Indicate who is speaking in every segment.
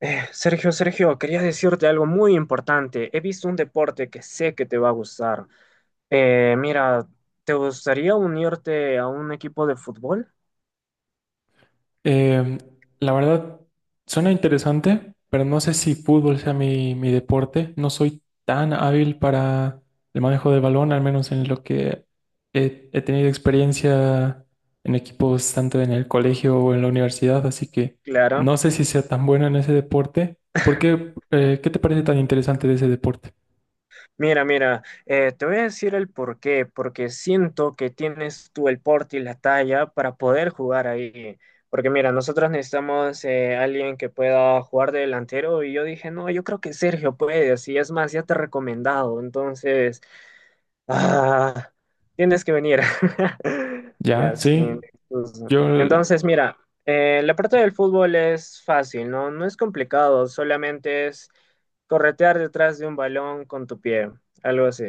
Speaker 1: Sergio, Sergio, quería decirte algo muy importante. He visto un deporte que sé que te va a gustar. Mira, ¿te gustaría unirte a un equipo de fútbol?
Speaker 2: Eh, la verdad, suena interesante, pero no sé si fútbol sea mi deporte. No soy tan hábil para el manejo del balón, al menos en lo que he tenido experiencia en equipos tanto en el colegio o en la universidad, así que
Speaker 1: Claro.
Speaker 2: no sé si sea tan bueno en ese deporte. ¿Por qué, qué te parece tan interesante de ese deporte?
Speaker 1: Mira, te voy a decir el por qué, porque siento que tienes tú el porte y la talla para poder jugar ahí. Porque mira, nosotros necesitamos alguien que pueda jugar de delantero y yo dije, no, yo creo que Sergio puede, así es más, ya te he recomendado. Entonces... Ah, tienes que venir.
Speaker 2: Ya,
Speaker 1: Ya, sí.
Speaker 2: sí,
Speaker 1: Pues,
Speaker 2: yo...
Speaker 1: entonces, mira, la parte del fútbol es fácil, ¿no? No es complicado, solamente es corretear detrás de un balón con tu pie, algo así.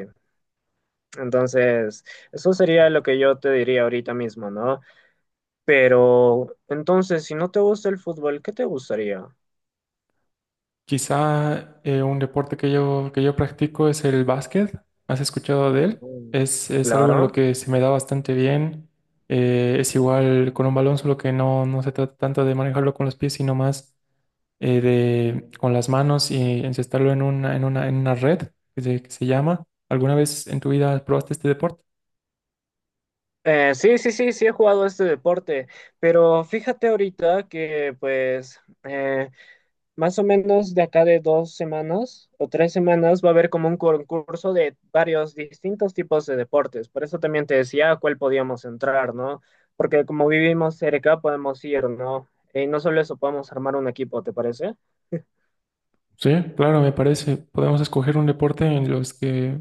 Speaker 1: Entonces, eso sería lo que yo te diría ahorita mismo, ¿no? Pero, entonces, si no te gusta el fútbol, ¿qué te gustaría?
Speaker 2: Quizá un deporte que yo practico es el básquet. ¿Has escuchado de él?
Speaker 1: Mm.
Speaker 2: Es algo en lo
Speaker 1: Claro.
Speaker 2: que se me da bastante bien. Es igual con un balón, solo que no se trata tanto de manejarlo con los pies, sino más con las manos y encestarlo en una red que se llama. ¿Alguna vez en tu vida probaste este deporte?
Speaker 1: Sí, he jugado este deporte, pero fíjate ahorita que pues más o menos de acá de dos semanas o tres semanas va a haber como un concurso de varios distintos tipos de deportes. Por eso también te decía a cuál podíamos entrar, ¿no? Porque como vivimos cerca podemos ir, ¿no? Y no solo eso, podemos armar un equipo, ¿te parece?
Speaker 2: Sí, claro, me parece. Podemos escoger un deporte en los que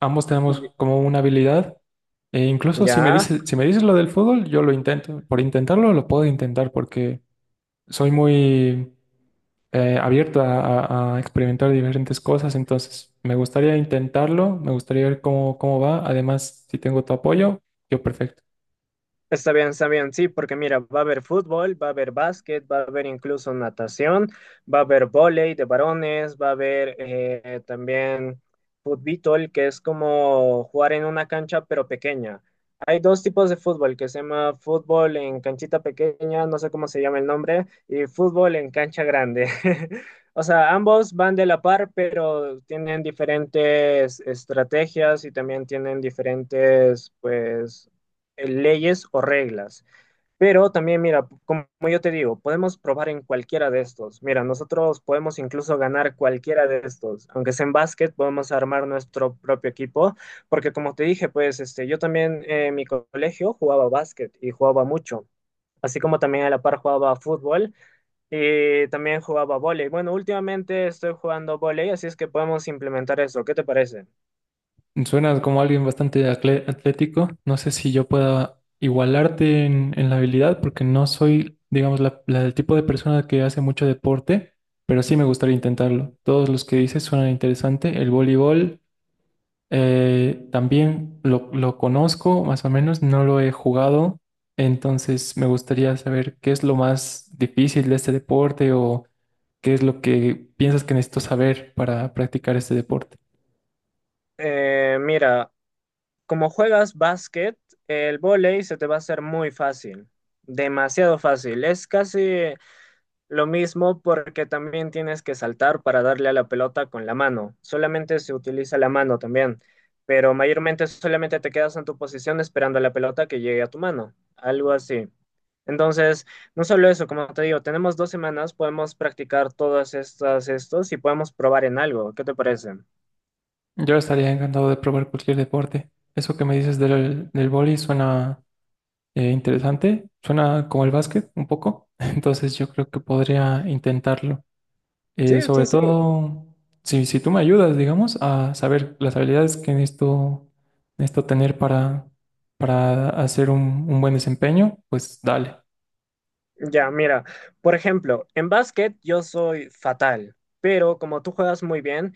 Speaker 2: ambos tenemos
Speaker 1: Y-
Speaker 2: como una habilidad. E incluso
Speaker 1: ya.
Speaker 2: si me dices lo del fútbol, yo lo intento. Por intentarlo, lo puedo intentar porque soy muy abierto a, a experimentar diferentes cosas. Entonces, me gustaría intentarlo, me gustaría ver cómo va. Además, si tengo tu apoyo, yo perfecto.
Speaker 1: Está bien, sí, porque mira, va a haber fútbol, va a haber básquet, va a haber incluso natación, va a haber vóley de varones, va a haber también fútbol, que es como jugar en una cancha pero pequeña. Hay dos tipos de fútbol, que se llama fútbol en canchita pequeña, no sé cómo se llama el nombre, y fútbol en cancha grande. O sea, ambos van de la par, pero tienen diferentes estrategias y también tienen diferentes, pues leyes o reglas. Pero también, mira, como yo te digo, podemos probar en cualquiera de estos. Mira, nosotros podemos incluso ganar cualquiera de estos. Aunque sea en básquet, podemos armar nuestro propio equipo. Porque como te dije, pues este, yo también en mi colegio jugaba básquet y jugaba mucho. Así como también a la par jugaba fútbol y también jugaba vóley. Bueno, últimamente estoy jugando vóley, así es que podemos implementar eso. ¿Qué te parece?
Speaker 2: Suenas como alguien bastante atlético. No sé si yo pueda igualarte en la habilidad porque no soy, digamos, la del tipo de persona que hace mucho deporte, pero sí me gustaría intentarlo. Todos los que dices suenan interesante. El voleibol. También lo conozco, más o menos, no lo he jugado, entonces me gustaría saber qué es lo más difícil de este deporte o qué es lo que piensas que necesito saber para practicar este deporte.
Speaker 1: Mira, como juegas básquet, el vóley se te va a hacer muy fácil, demasiado fácil. Es casi lo mismo porque también tienes que saltar para darle a la pelota con la mano. Solamente se utiliza la mano también, pero mayormente solamente te quedas en tu posición esperando a la pelota que llegue a tu mano, algo así. Entonces, no solo eso, como te digo, tenemos dos semanas, podemos practicar todas estas, estos y podemos probar en algo. ¿Qué te parece?
Speaker 2: Yo estaría encantado de probar cualquier deporte. Eso que me dices del vóley suena interesante, suena como el básquet un poco, entonces yo creo que podría intentarlo.
Speaker 1: Sí, sí,
Speaker 2: Sobre
Speaker 1: sí.
Speaker 2: todo, si tú me ayudas, digamos, a saber las habilidades que necesito, necesito tener para hacer un buen desempeño, pues dale.
Speaker 1: Ya, mira, por ejemplo, en básquet yo soy fatal, pero como tú juegas muy bien,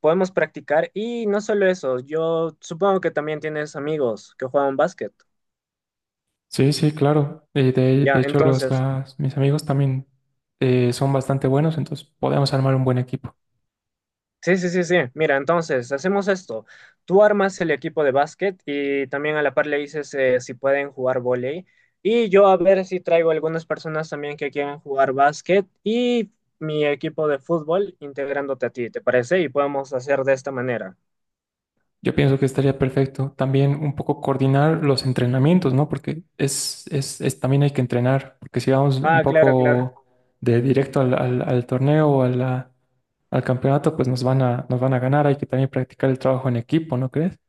Speaker 1: podemos practicar y no solo eso, yo supongo que también tienes amigos que juegan básquet.
Speaker 2: Sí, sí, claro. De
Speaker 1: Ya,
Speaker 2: hecho,
Speaker 1: entonces,
Speaker 2: mis amigos también son bastante buenos, entonces podemos armar un buen equipo.
Speaker 1: sí, sí, sí, sí, mira, entonces hacemos esto, tú armas el equipo de básquet y también a la par le dices si pueden jugar vóley y yo a ver si traigo algunas personas también que quieran jugar básquet y mi equipo de fútbol integrándote a ti, ¿te parece? Y podemos hacer de esta manera.
Speaker 2: Yo pienso que estaría perfecto. También un poco coordinar los entrenamientos, ¿no? Porque también hay que entrenar, porque si vamos un
Speaker 1: Ah, claro, claro.
Speaker 2: poco de directo al torneo o a al campeonato, pues nos van a ganar. Hay que también practicar el trabajo en equipo, ¿no crees?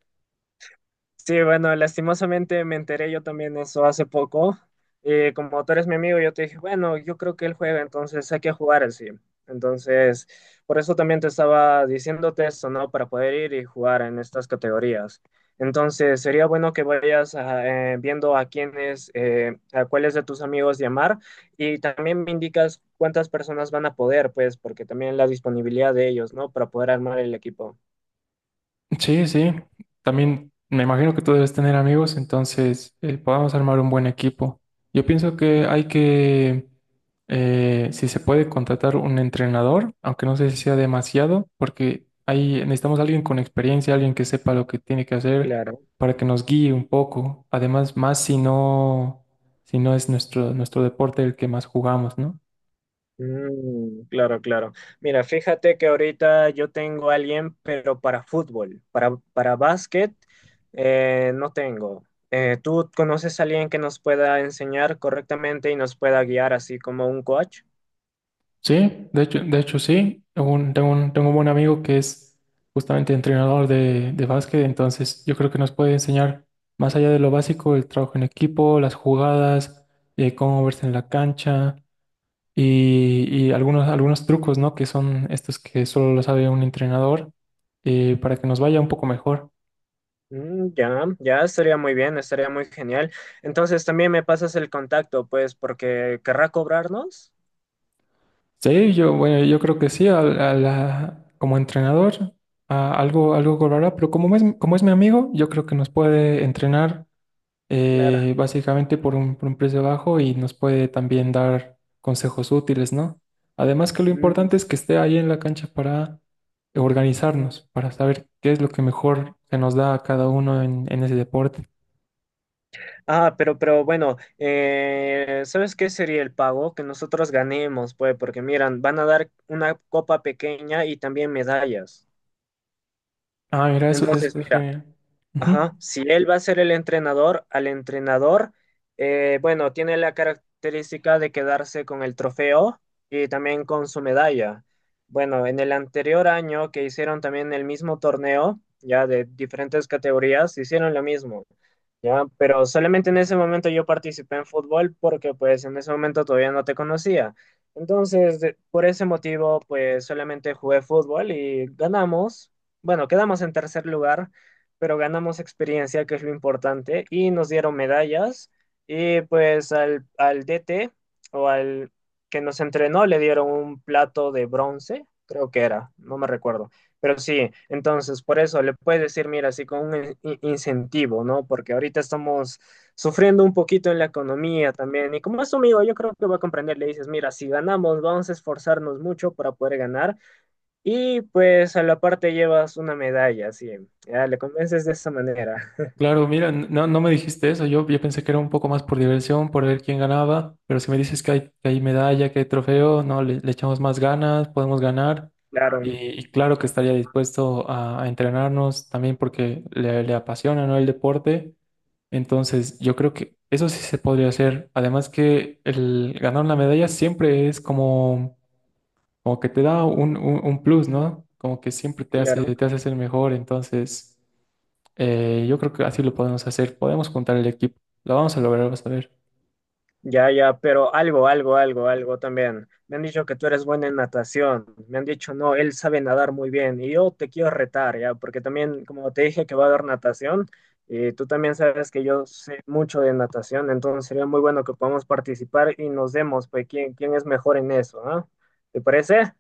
Speaker 1: Sí, bueno, lastimosamente me enteré yo también eso hace poco. Como tú eres mi amigo, yo te dije, bueno, yo creo que él juega, entonces hay que jugar así. Entonces, por eso también te estaba diciéndote esto, ¿no? Para poder ir y jugar en estas categorías. Entonces, sería bueno que vayas viendo a quiénes, a cuáles de tus amigos llamar y también me indicas cuántas personas van a poder, pues, porque también la disponibilidad de ellos, ¿no? Para poder armar el equipo.
Speaker 2: Sí, sí. También me imagino que tú debes tener amigos, entonces podamos armar un buen equipo. Yo pienso si se puede, contratar un entrenador, aunque no sé si sea demasiado, porque ahí necesitamos alguien con experiencia, alguien que sepa lo que tiene que hacer
Speaker 1: Claro.
Speaker 2: para que nos guíe un poco. Además, más si no, si no es nuestro deporte el que más jugamos, ¿no?
Speaker 1: Mm, claro, claro. Mira, fíjate que ahorita yo tengo a alguien, pero para fútbol, para básquet, no tengo. ¿Tú conoces a alguien que nos pueda enseñar correctamente y nos pueda guiar así como un coach?
Speaker 2: Sí, de hecho sí. Tengo tengo un buen amigo que es justamente entrenador de básquet, entonces yo creo que nos puede enseñar más allá de lo básico, el trabajo en equipo, las jugadas, cómo verse en la cancha y algunos trucos, ¿no? Que son estos que solo lo sabe un entrenador para que nos vaya un poco mejor.
Speaker 1: Mm, ya, ya estaría muy bien, estaría muy genial. Entonces también me pasas el contacto, pues, porque querrá cobrarnos.
Speaker 2: Sí, yo, bueno, yo creo que sí, como entrenador algo cobrará, pero como es mi amigo, yo creo que nos puede entrenar
Speaker 1: Claro.
Speaker 2: básicamente por un precio bajo y nos puede también dar consejos útiles, ¿no? Además que lo
Speaker 1: Mm.
Speaker 2: importante es que esté ahí en la cancha para organizarnos, para saber qué es lo que mejor se nos da a cada uno en ese deporte.
Speaker 1: Ah, pero bueno, ¿sabes qué sería el pago? Que nosotros ganemos, pues, porque miran, van a dar una copa pequeña y también medallas.
Speaker 2: Ah, mira, eso,
Speaker 1: Entonces,
Speaker 2: eso es
Speaker 1: mira.
Speaker 2: genial.
Speaker 1: Ajá,
Speaker 2: Ujú.
Speaker 1: si él va a ser el entrenador, al entrenador, bueno, tiene la característica de quedarse con el trofeo y también con su medalla. Bueno, en el anterior año que hicieron también el mismo torneo, ya de diferentes categorías, hicieron lo mismo, ya, pero solamente en ese momento yo participé en fútbol porque pues en ese momento todavía no te conocía. Entonces, por ese motivo, pues solamente jugué fútbol y ganamos, bueno, quedamos en tercer lugar pero ganamos experiencia, que es lo importante, y nos dieron medallas. Y pues al DT o al que nos entrenó le dieron un plato de bronce, creo que era, no me recuerdo. Pero sí, entonces por eso le puedes decir, mira, así con un incentivo, ¿no? Porque ahorita estamos sufriendo un poquito en la economía también. Y como es tu amigo, yo creo que va a comprender, le dices, mira, si ganamos, vamos a esforzarnos mucho para poder ganar y pues a la parte llevas una medalla, sí. Ya le convences de esa manera.
Speaker 2: Claro, mira, no me dijiste eso. Yo pensé que era un poco más por diversión, por ver quién ganaba. Pero si me dices que hay medalla, que hay trofeo, no, le echamos más ganas, podemos ganar. Y,
Speaker 1: Claro,
Speaker 2: y claro que estaría dispuesto a entrenarnos también porque le apasiona, ¿no?, el deporte. Entonces, yo creo que eso sí se podría hacer. Además que el ganar una medalla siempre es como, como que te da un plus, ¿no? Como que siempre
Speaker 1: claro.
Speaker 2: te hace ser mejor. Entonces... yo creo que así lo podemos hacer. Podemos juntar el equipo. Lo vamos a lograr, vas a ver.
Speaker 1: Ya, ya, pero algo, también. Me han dicho que tú eres buena en natación. Me han dicho, no, él sabe nadar muy bien. Y yo te quiero retar, ya, porque también, como te dije que va a dar natación, y tú también sabes que yo sé mucho de natación, entonces sería muy bueno que podamos participar y nos demos, pues, quién, quién es mejor en eso, ¿ah? ¿Te parece?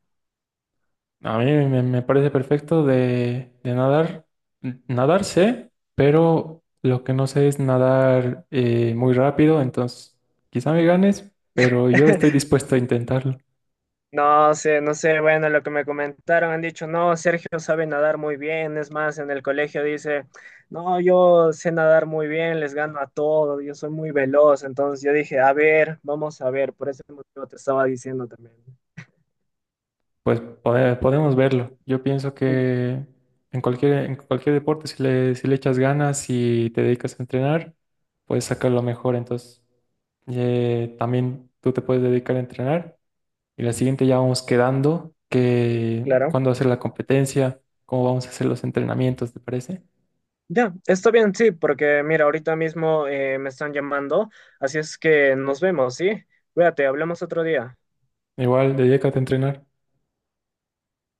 Speaker 2: A mí me parece perfecto de nadar. Nadar sé, pero lo que no sé es nadar muy rápido. Entonces, quizá me ganes, pero yo estoy dispuesto a intentarlo.
Speaker 1: No sé, no sé, bueno, lo que me comentaron, han dicho, no, Sergio sabe nadar muy bien, es más, en el colegio dice, no, yo sé nadar muy bien, les gano a todo, yo soy muy veloz, entonces yo dije, a ver, vamos a ver, por ese motivo te estaba diciendo también.
Speaker 2: Pues podemos verlo. Yo pienso
Speaker 1: Sí,
Speaker 2: que en en cualquier deporte, si le echas ganas y te dedicas a entrenar, puedes sacar lo mejor. Entonces, también tú te puedes dedicar a entrenar. Y la siguiente ya vamos quedando, que
Speaker 1: claro.
Speaker 2: cuándo hacer la competencia, cómo vamos a hacer los entrenamientos, ¿te parece?
Speaker 1: Ya, está bien, sí, porque mira, ahorita mismo me están llamando, así es que nos vemos, ¿sí? Cuídate, hablamos otro día.
Speaker 2: Igual, dedícate a entrenar.